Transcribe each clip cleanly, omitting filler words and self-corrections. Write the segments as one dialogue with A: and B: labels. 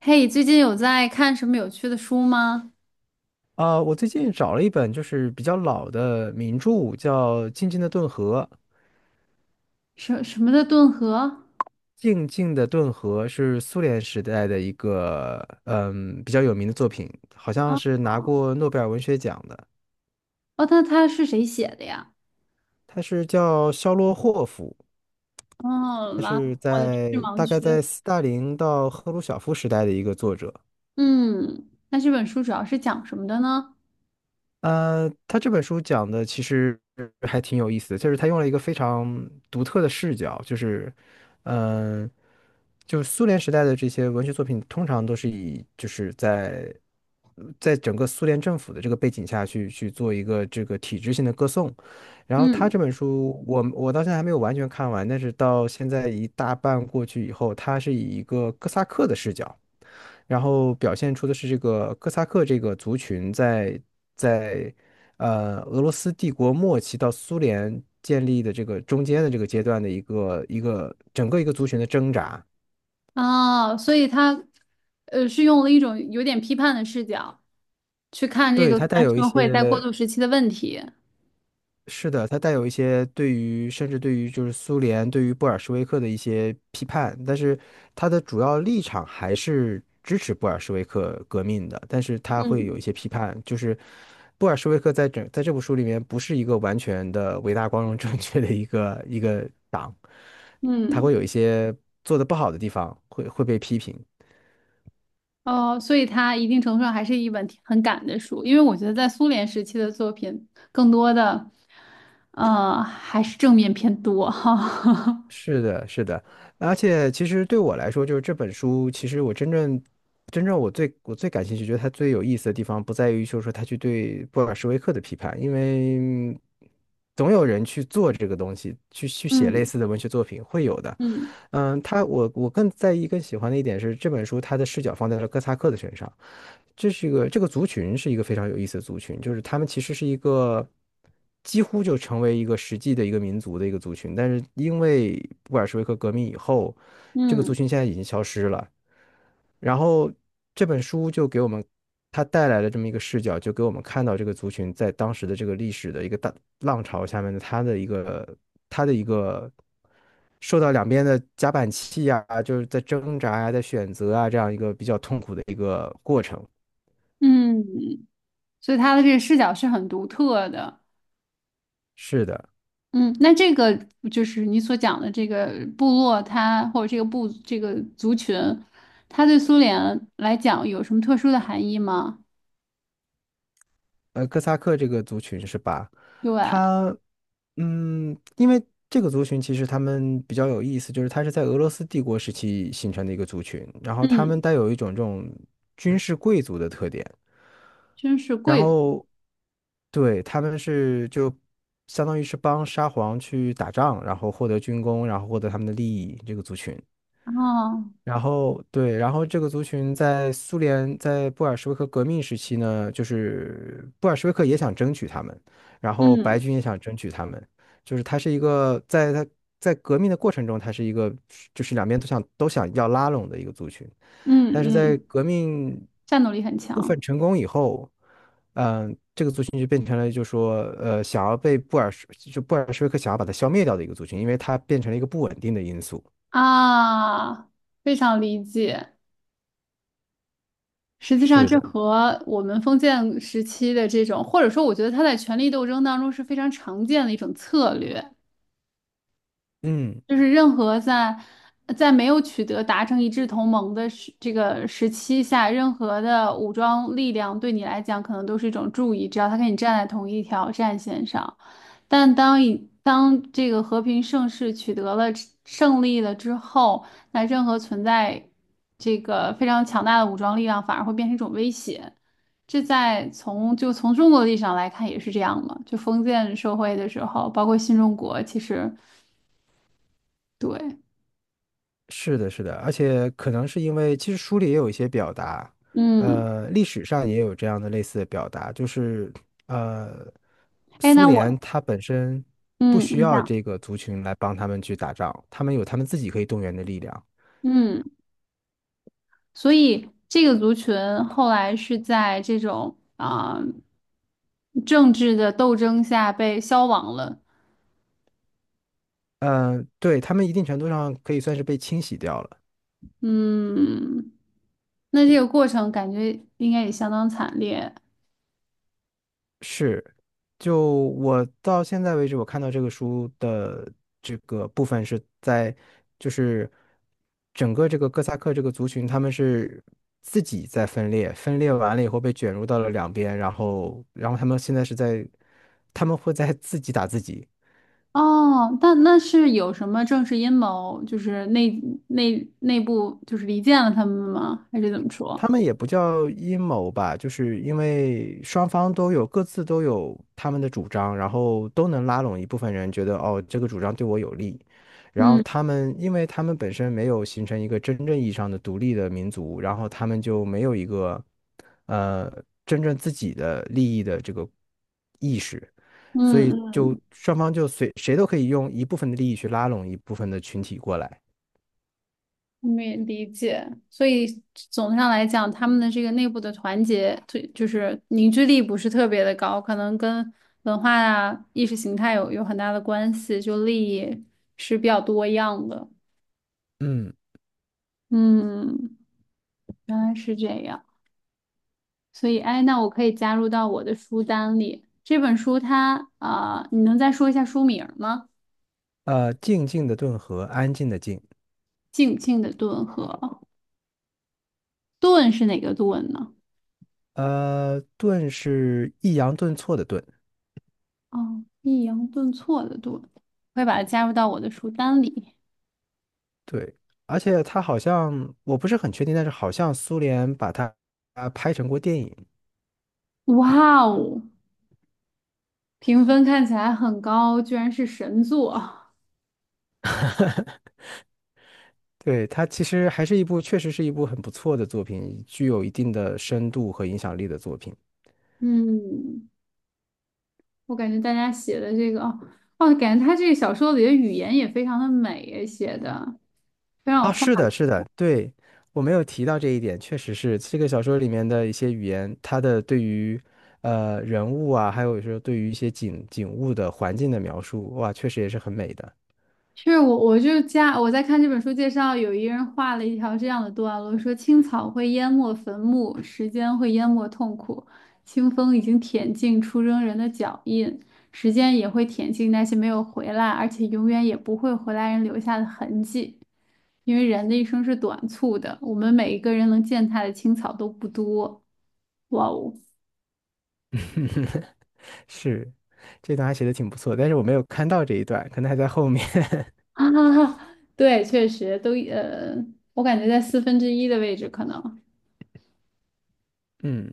A: 嘿，最近有在看什么有趣的书吗？
B: 啊，我最近找了一本就是比较老的名著，叫《静静的顿河》。
A: 什么的顿河？
B: 《静静的顿河》是苏联时代的一个比较有名的作品，好像
A: 啊，
B: 是拿过诺贝尔文学奖的。
A: 哦，那它是谁写的呀？
B: 他是叫肖洛霍夫，
A: 哦，
B: 他
A: 完了
B: 是
A: 我的知识
B: 在
A: 盲
B: 大概
A: 区。
B: 在斯大林到赫鲁晓夫时代的一个作者。
A: 嗯，那这本书主要是讲什么的呢？
B: 他这本书讲的其实还挺有意思的，就是他用了一个非常独特的视角，就是，嗯、就是苏联时代的这些文学作品，通常都是以就是在在整个苏联政府的这个背景下去做一个这个体制性的歌颂。然后他
A: 嗯，
B: 这本书，我到现在还没有完全看完，但是到现在一大半过去以后，他是以一个哥萨克的视角。然后表现出的是这个哥萨克这个族群在呃俄罗斯帝国末期到苏联建立的这个中间的这个阶段的一个整个一个族群的挣扎，
A: 哦，所以它，呃，是用了一种有点批判的视角去看这
B: 对，
A: 个
B: 它
A: 苏
B: 带
A: 联
B: 有一
A: 社会在过
B: 些
A: 渡时期的问题。
B: 是的，它带有一些对于甚至对于就是苏联对于布尔什维克的一些批判，但是它的主要立场还是支持布尔什维克革命的，但是它会
A: 嗯
B: 有一些批判，就是布尔什维克在这部书里面不是一个完全的伟大、光荣、正确的一个党，他
A: 嗯。
B: 会有一些做的不好的地方会被批评。
A: 哦，所以它一定程度上还是一本挺很赶的书，因为我觉得在苏联时期的作品，更多的，呃，还是正面偏多哈。
B: 是。而且其实对我来说，就是这本书，其实我真正真正我最我最感兴趣，觉得它最有意思的地方，不在于就是说它去对布尔什维克的批判，因为总有人去做这个东西，去写类
A: 嗯
B: 似的文学作品，会有的。
A: 嗯
B: 嗯，他我更在意、更喜欢的一点是，这本书它的视角放在了哥萨克的身上。这是一个这个族群是一个非常有意思的族群，就是他们其实是一个几乎就成为一个实际的一个民族的一个族群，但是因为布尔什维克革命以后，这个族
A: 嗯
B: 群现在已经消失了。然后这本书就给我们它带来了这么一个视角，就给我们看到这个族群在当时的这个历史的一个大浪潮下面的它的一个受到两边的夹板气啊，就是在挣扎呀、在选择啊这样一个比较痛苦的一个过程。
A: 嗯，所以他的这个视角是很独特的。
B: 是的，
A: 嗯，那这个就是你所讲的这个部落它，或者这个部这个族群，它对苏联来讲有什么特殊的含义吗？
B: 哥萨克这个族群是吧？
A: 对，
B: 他，嗯，因为这个族群其实他们比较有意思，就是他是在俄罗斯帝国时期形成的一个族群，然后他们
A: 嗯，
B: 带有一种这种军事贵族的特点，
A: 真是
B: 然
A: 贵族
B: 后对他们相当于是帮沙皇去打仗，然后获得军功，然后获得他们的利益，这个族群。
A: 哦，
B: 然后对，然后这个族群在苏联在布尔什维克革命时期呢，就是布尔什维克也想争取他们，然后白
A: 嗯
B: 军也想争取他们，就是他是一个在革命的过程中，他是一个就是两边都想要拉拢的一个族群，
A: 嗯
B: 但是在
A: 嗯。
B: 革命
A: 战斗力很
B: 部分
A: 强
B: 成功以后，嗯、这个族群就变成了就说想要被布尔什维克想要把它消灭掉的一个族群，因为它变成了一个不稳定的因素。
A: 啊，非常理解。实际上，
B: 是
A: 这
B: 的，
A: 和我们封建时期的这种，或者说，我觉得他在权力斗争当中是非常常见的一种策略。
B: 嗯。
A: 就是任何在没有取得达成一致同盟的时这个时期下，任何的武装力量对你来讲可能都是一种注意，只要他跟你站在同一条战线上。但当这个和平盛世取得了胜利了之后，那任何存在这个非常强大的武装力量反而会变成一种威胁。这在从就从中国的历史上来看也是这样嘛，就封建社会的时候，包括新中国，其实对。
B: 是的，是的，而且可能是因为，其实书里也有一些表达，
A: 嗯，
B: 历史上也有这样的类似的表达，就是呃，
A: 哎，
B: 苏
A: 那我，
B: 联它本身不
A: 嗯，
B: 需
A: 你
B: 要
A: 讲，
B: 这个族群来帮他们去打仗，他们有他们自己可以动员的力量，
A: 嗯，所以这个族群后来是在这种啊、政治的斗争下被消亡了，
B: 嗯、对，他们一定程度上可以算是被清洗掉了。
A: 嗯，那这个过程感觉应该也相当惨烈
B: 是，就我到现在为止，我看到这个书的这个部分是在，就是整个这个哥萨克这个族群，他们是自己在分裂，分裂完了以后被卷入到了两边，然后，然后他们现在是在，他们会在自己打自己，
A: 哦。那那是有什么政治阴谋，就是内部就是离间了他们吗？还是怎么说？
B: 他们也不叫阴谋吧，就是因为双方各自都有他们的主张，然后都能拉拢一部分人，觉得哦这个主张对我有利。然后
A: 嗯
B: 他们，因为他们本身没有形成一个真正意义上的独立的民族，然后他们就没有一个呃真正自己的利益的这个意识，所
A: 嗯
B: 以就
A: 嗯
B: 双方就随谁都可以用一部分的利益去拉拢一部分的群体过来。
A: 没理解，所以总上来讲，他们的这个内部的团结，对，就是凝聚力不是特别的高，可能跟文化啊、意识形态有很大的关系，就利益是比较多样的。
B: 嗯，
A: 嗯，原来是这样，所以哎，那我可以加入到我的书单里。这本书它啊、你能再说一下书名吗？
B: 静静的顿河，安静的静。
A: 《静静的顿河》，顿是哪个顿呢？
B: 顿是抑扬顿挫的顿，
A: 哦，抑扬顿挫的顿，会把它加入到我的书单里。
B: 对，而且它好像我不是很确定，但是好像苏联把它拍成过电影，
A: 哇哦，评分看起来很高，居然是神作。
B: 对，它其实还是一部确实是一部很不错的作品，具有一定的深度和影响力的作品
A: 嗯，我感觉大家写的这个，哦，哦，感觉他这个小说里的语言也非常的美，写的非常有
B: 啊，
A: 画。
B: 是的，是的，对，我没有提到这一点，确实是这个小说里面的一些语言，它的对于人物啊，还有说对于一些景物的环境的描述，哇，确实也是很美的，
A: 我就加我在看这本书介绍，有一个人画了一条这样的段落，说青草会淹没坟墓，时间会淹没痛苦，清风已经舔尽出征人的脚印，时间也会舔尽那些没有回来，而且永远也不会回来人留下的痕迹。因为人的一生是短促的，我们每一个人能践踏的青草都不多。哇哦，
B: 是，这段还写的挺不错，但是我没有看到这一段，可能还在后面。
A: 啊，对，确实都，我感觉在四分之一的位置可能，
B: 嗯，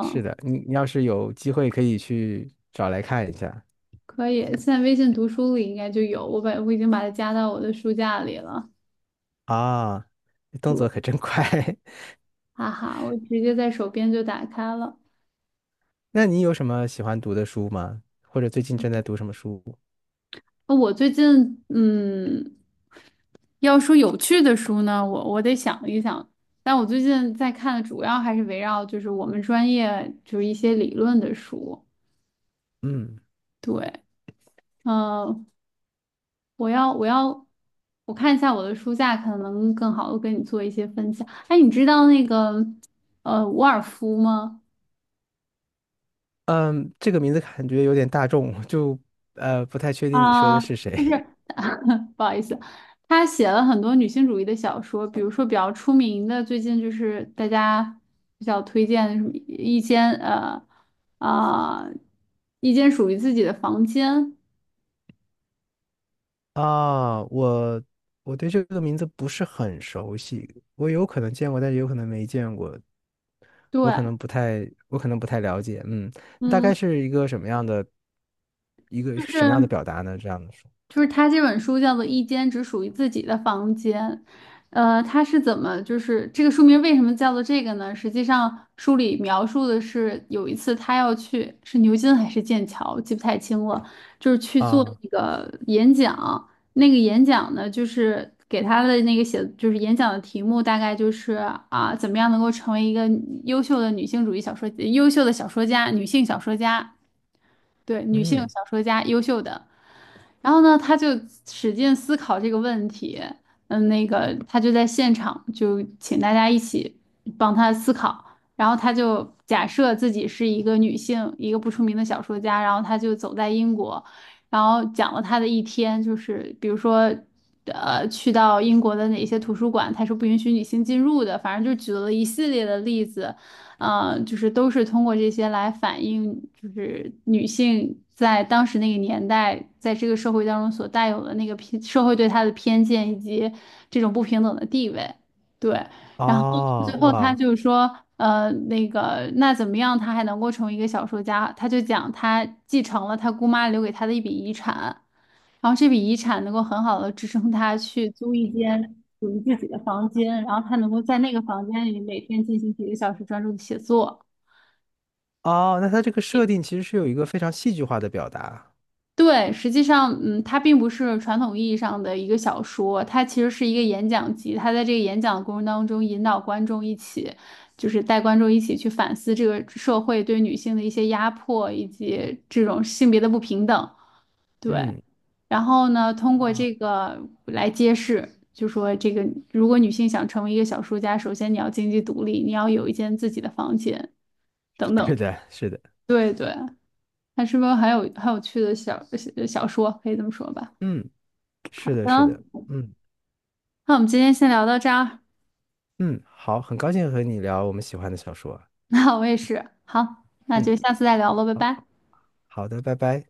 B: 是的，你要是有机会可以去找来看一下
A: 可以，现在微信读书里应该就有，我已经把它加到我的书架里了。
B: 啊，动
A: 对，
B: 作可真快。
A: 哈哈，我直接在手边就打开了。
B: 那你有什么喜欢读的书吗？或者最近正在读什么书？
A: 我最近，嗯，要说有趣的书呢，我得想一想。但我最近在看的主要还是围绕就是我们专业就是一些理论的书。
B: 嗯，
A: 对，嗯、我要我要我看一下我的书架，可能更好的跟你做一些分享。哎，你知道那个伍尔夫吗？
B: 嗯，这个名字感觉有点大众，就不太确定你说
A: 啊，
B: 的是
A: 就
B: 谁。
A: 是 不好意思，他写了很多女性主义的小说，比如说比较出名的，最近就是大家比较推荐的什么啊、一间属于自己的房间，
B: 啊，我对这个名字不是很熟悉，我有可能见过，但是有可能没见过，
A: 对，
B: 我可能不太了解。嗯，大概
A: 嗯，
B: 是一个
A: 就
B: 什么样的
A: 是。
B: 表达呢？这样的说
A: 就是他这本书叫做《一间只属于自己的房间》，呃，他是怎么就是这个书名为什么叫做这个呢？实际上书里描述的是有一次他要去是牛津还是剑桥，记不太清了，就是去做
B: 啊，
A: 那个演讲，那个演讲呢就是给他的那个写就是演讲的题目大概就是啊怎么样能够成为一个优秀的女性主义小说优秀的小说家，女性小说家，对，女性
B: 嗯，
A: 小说家优秀的。然后呢，他就使劲思考这个问题，嗯，那个他就在现场就请大家一起帮他思考，然后他就假设自己是一个女性，一个不出名的小说家，然后他就走在英国，然后讲了他的一天，就是比如说。呃，去到英国的哪些图书馆，他是不允许女性进入的。反正就举了一系列的例子，呃，就是都是通过这些来反映，就是女性在当时那个年代，在这个社会当中所带有的那个偏社会对她的偏见以及这种不平等的地位。对，然后
B: 哦，
A: 最后她
B: 哇，
A: 就是说，呃，那个那怎么样，她还能够成为一个小说家？她就讲她继承了她姑妈留给她的一笔遗产。然后这笔遗产能够很好的支撑他去租一间属于自己的房间，然后他能够在那个房间里每天进行几个小时专注的写作。
B: 哦，那它这个设定其实是有一个非常戏剧化的表达。
A: 对，实际上，嗯，它并不是传统意义上的一个小说，它其实是一个演讲集。它在这个演讲的过程当中，引导观众一起，就是带观众一起去反思这个社会对女性的一些压迫，以及这种性别的不平等。对，
B: 嗯，
A: 然后呢，通过
B: 啊，
A: 这个来揭示，就说这个，如果女性想成为一个小说家，首先你要经济独立，你要有一间自己的房间等
B: 是
A: 等。
B: 的，是的，
A: 对对，它是不是很有趣的小说？可以这么说吧。
B: 嗯，
A: 好
B: 是的，
A: 的，
B: 是的，嗯
A: 那我们今天先聊到这儿。
B: 嗯，好，很高兴和你聊我们喜欢的小说。
A: 那我也是，好，那
B: 嗯，
A: 就下次再聊了，拜拜。
B: 好的，拜拜。